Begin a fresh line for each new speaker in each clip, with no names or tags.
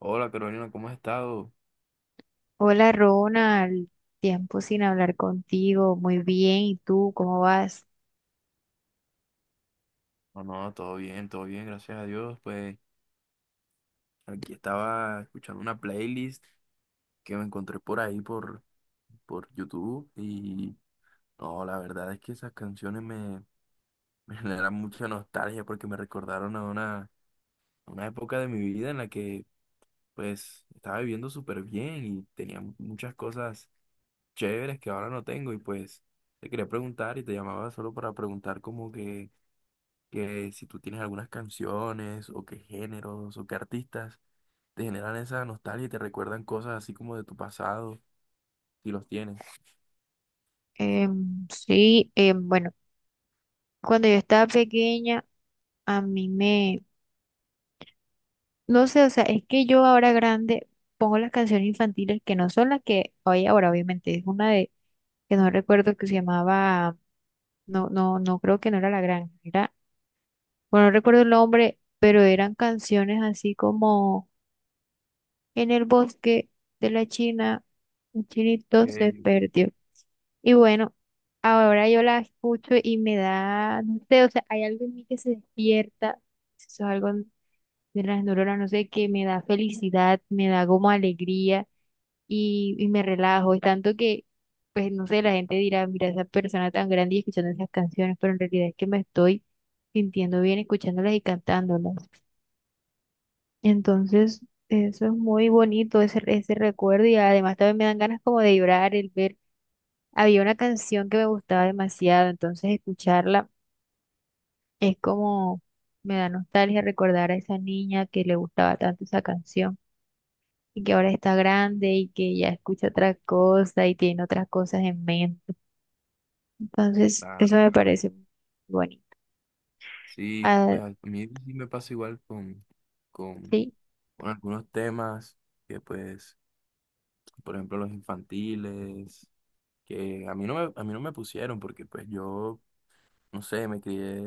Hola Carolina, ¿cómo has estado?
Hola Ronald, tiempo sin hablar contigo, muy bien, ¿y tú cómo vas?
No, no, todo bien, gracias a Dios. Pues aquí estaba escuchando una playlist que me encontré por ahí por YouTube y no, la verdad es que esas me generan mucha nostalgia porque me recordaron a a una época de mi vida en la que pues estaba viviendo súper bien y tenía muchas cosas chéveres que ahora no tengo y pues te quería preguntar y te llamaba solo para preguntar como que... Que si tú tienes algunas canciones o qué géneros o qué artistas te generan esa nostalgia y te recuerdan cosas así como de tu pasado, si los tienes.
Sí, bueno, cuando yo estaba pequeña, a mí me, no sé, o sea, es que yo ahora grande pongo las canciones infantiles que no son las que hoy ahora, obviamente, que no recuerdo que se llamaba, no, no, no creo que no era La Granja, era, bueno, no recuerdo el nombre, pero eran canciones así como en el bosque de la China, el chinito
Ok,
se
ok.
perdió. Y bueno, ahora yo la escucho y me da, no sé, o sea, hay algo en mí que se despierta, eso es algo de las neuronas, no sé, que me da felicidad, me da como alegría y me relajo, es tanto que, pues no sé, la gente dirá, mira, esa persona tan grande y escuchando esas canciones, pero en realidad es que me estoy sintiendo bien escuchándolas y cantándolas. Entonces, eso es muy bonito, ese recuerdo, y además también me dan ganas como de llorar, el ver, había una canción que me gustaba demasiado, entonces escucharla es como, me da nostalgia recordar a esa niña que le gustaba tanto esa canción y que ahora está grande y que ya escucha otras cosas y tiene otras cosas en mente. Entonces, eso
Claro,
me
claro.
parece bonito.
Sí,
Ah,
pues a mí sí me pasa igual con,
sí,
con algunos temas que pues, por ejemplo, los infantiles, que a mí no a mí no me pusieron porque pues yo, no sé, me crié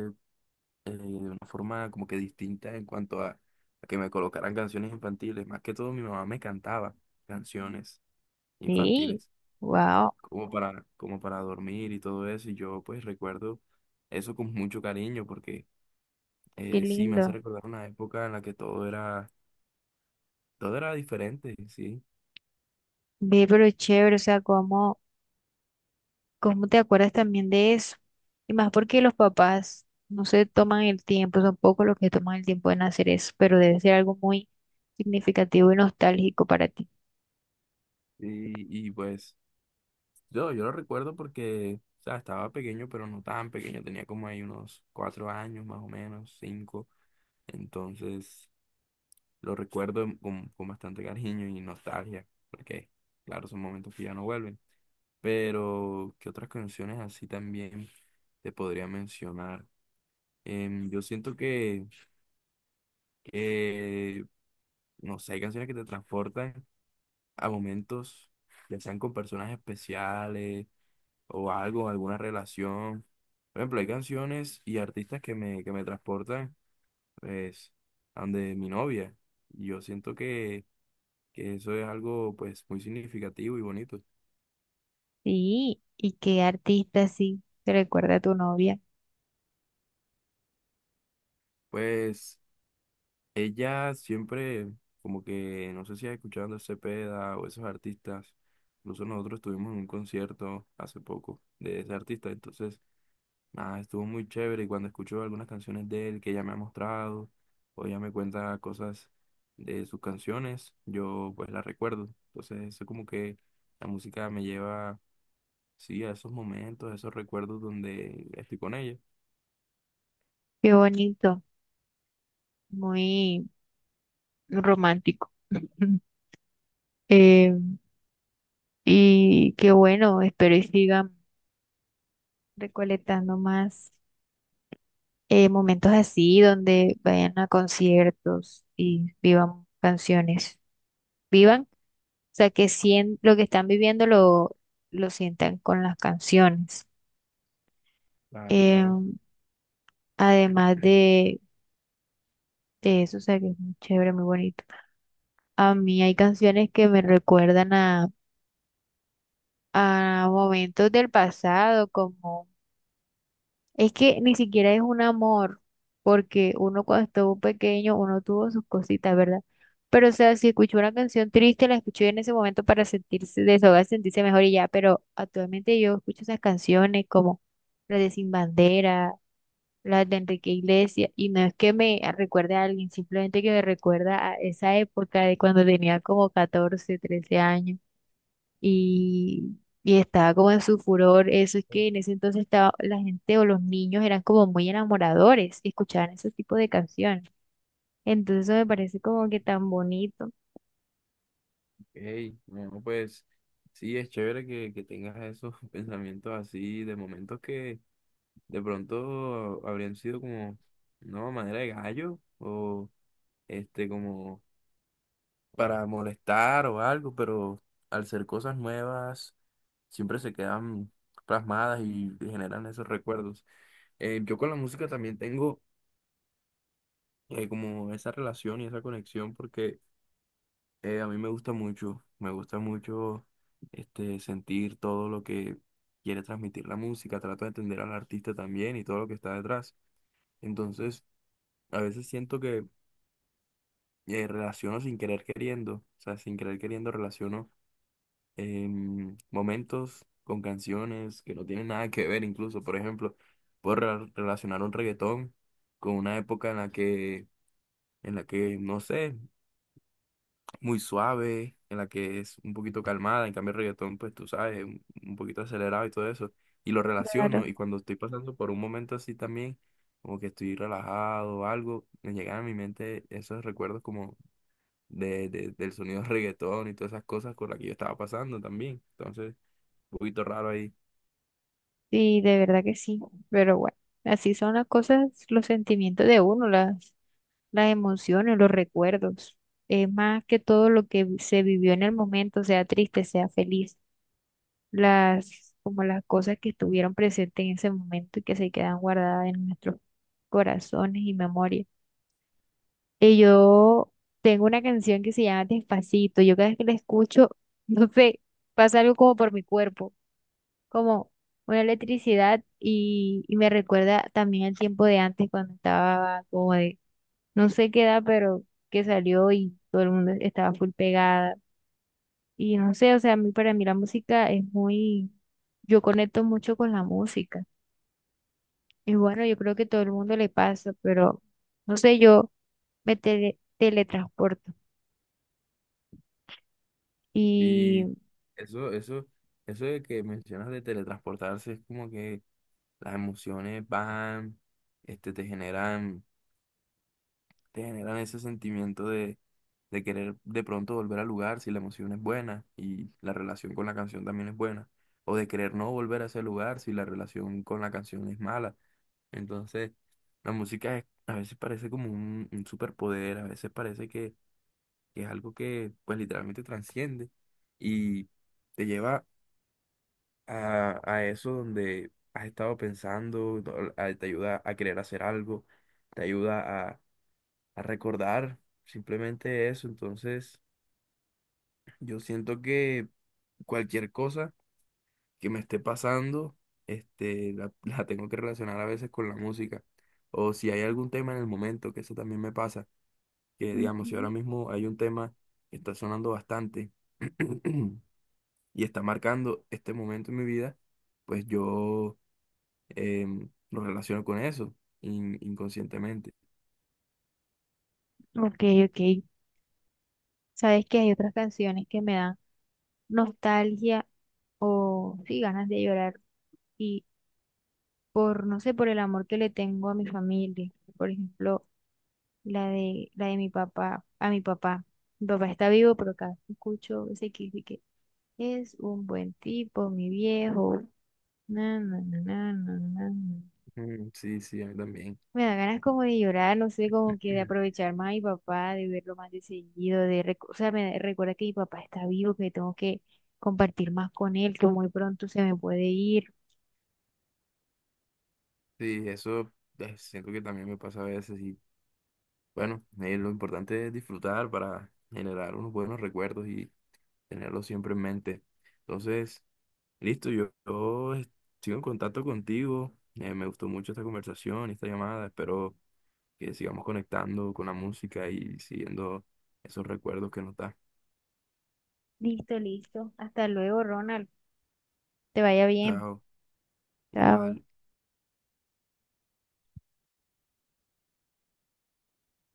de una forma como que distinta en cuanto a que me colocaran canciones infantiles. Más que todo, mi mamá me cantaba canciones
sí,
infantiles,
wow,
como como para dormir y todo eso. Y yo pues recuerdo eso con mucho cariño porque
qué
sí me hace
lindo.
recordar una época en la que todo era diferente, ¿sí?
Ve, pero chévere, o sea, como... ¿Cómo te acuerdas también de eso? Y más porque los papás no se toman el tiempo, son pocos los que toman el tiempo en hacer eso, pero debe ser algo muy significativo y nostálgico para ti.
Y pues yo lo recuerdo porque... O sea, estaba pequeño, pero no tan pequeño. Tenía como ahí unos 4 años, más o menos, cinco. Entonces, lo recuerdo con bastante cariño y nostalgia, porque, claro, son momentos que ya no vuelven. Pero, ¿qué otras canciones así también te podría mencionar? Yo siento que, no sé, hay canciones que te transportan a momentos, ya sean con personas especiales o algo, alguna relación. Por ejemplo, hay canciones y artistas que que me transportan, pues, a donde mi novia. Y yo siento que eso es algo pues muy significativo y bonito.
Sí, ¿y qué artista así te recuerda a tu novia?
Pues ella siempre, como que, no sé si has escuchado a Andrés Cepeda o esos artistas, incluso nosotros estuvimos en un concierto hace poco de ese artista, entonces, nada, estuvo muy chévere y cuando escucho algunas canciones de él que ella me ha mostrado o ella me cuenta cosas de sus canciones, yo pues las recuerdo. Entonces, eso como que la música me lleva, sí, a esos momentos, a esos recuerdos donde estoy con ella.
Qué bonito, muy romántico. Eh, y qué bueno, espero y sigan recolectando más momentos así donde vayan a conciertos y vivan canciones. Vivan O sea, que lo que están viviendo lo sientan con las canciones.
Claro,
Eh,
claro.
además de eso, o sea, que es muy chévere, muy bonito. A mí hay canciones que me recuerdan a momentos del pasado, como... Es que ni siquiera es un amor, porque uno cuando estuvo pequeño, uno tuvo sus cositas, ¿verdad? Pero, o sea, si escuchó una canción triste, la escuchó en ese momento para sentirse, desahogar, sentirse mejor y ya, pero actualmente yo escucho esas canciones como las de Sin Bandera, las de Enrique Iglesias, y no es que me recuerde a alguien, simplemente que me recuerda a esa época de cuando tenía como 14 13 años y, y estaba como en su furor. Eso es que en ese entonces estaba, la gente o los niños eran como muy enamoradores y escuchaban ese tipo de canciones. Entonces eso me parece como que tan bonito.
Ey, no, pues sí, es chévere que tengas esos pensamientos así de momentos que de pronto habrían sido como, no, manera de gallo o este como para molestar o algo, pero al ser cosas nuevas siempre se quedan plasmadas y generan esos recuerdos. Yo con la música también tengo como esa relación y esa conexión porque a mí me gusta mucho este, sentir todo lo que quiere transmitir la música, trato de entender al artista también y todo lo que está detrás. Entonces, a veces siento que relaciono sin querer queriendo, o sea, sin querer queriendo relaciono momentos con canciones que no tienen nada que ver incluso. Por ejemplo, puedo relacionar un reggaetón con una época en en la que, no sé. Muy suave, en la que es un poquito calmada, en cambio el reggaetón, pues tú sabes, un poquito acelerado y todo eso, y lo relaciono,
Claro.
y cuando estoy pasando por un momento así también, como que estoy relajado o algo, me llegan a mi mente esos recuerdos como del sonido del reggaetón y todas esas cosas con las que yo estaba pasando también, entonces, un poquito raro ahí,
Sí, de verdad que sí. Pero bueno, así son las cosas, los sentimientos de uno, las emociones, los recuerdos. Es más que todo lo que se vivió en el momento, sea triste, sea feliz. Las, como las cosas que estuvieron presentes en ese momento y que se quedan guardadas en nuestros corazones y memoria. Y yo tengo una canción que se llama Despacito. Yo cada vez que la escucho, no sé, pasa algo como por mi cuerpo, como una electricidad y me recuerda también al tiempo de antes cuando estaba como de, no sé qué edad, pero que salió y todo el mundo estaba full pegada. Y no sé, o sea, a mí, para mí la música es muy... yo conecto mucho con la música. Y bueno, yo creo que todo el mundo le pasa, pero no sé, yo me teletransporto.
y
Y...
eso, eso, eso de que mencionas de teletransportarse es como que las emociones van, este, te generan ese sentimiento de querer de pronto volver al lugar si la emoción es buena y la relación con la canción también es buena, o de querer no volver a ese lugar si la relación con la canción es mala. Entonces, la a veces parece como un superpoder, a veces parece que es algo que pues literalmente transciende y te lleva a eso donde has estado pensando, te ayuda a querer hacer algo, te ayuda a recordar, simplemente eso. Entonces, yo siento que cualquier cosa que me esté pasando, este, la, la tengo que relacionar a veces con la música. O si hay algún tema en el momento, que eso también me pasa, que digamos, si ahora
Ujú.
mismo hay un tema que está sonando bastante y está marcando este momento en mi vida, pues yo lo relaciono con eso, inconscientemente.
Ok, ok, sabes que hay otras canciones que me dan nostalgia o sí, ganas de llorar. Y por, no sé, por el amor que le tengo a mi familia. Por ejemplo, la de mi papá, a mi papá. Mi papá está vivo, pero cada vez que escucho ese que... Es un buen tipo, mi viejo. Na, na, na, na, na, na, na.
Mm, sí, sí, a mí también.
Me da ganas como de llorar, no sé, como que de aprovechar más a mi papá, de verlo más de seguido, de o sea, me recuerda que mi papá está vivo, que tengo que compartir más con él, que muy pronto se me puede ir.
Sí, eso siento que también me pasa a veces y bueno, lo importante es disfrutar para generar unos buenos recuerdos y tenerlos siempre en mente. Entonces, listo, sigo en contacto contigo, me gustó mucho esta conversación y esta llamada, espero que sigamos conectando con la música y siguiendo esos recuerdos que nos da.
Listo, listo. Hasta luego, Ronald. Te vaya bien.
Chao,
Chao.
igual.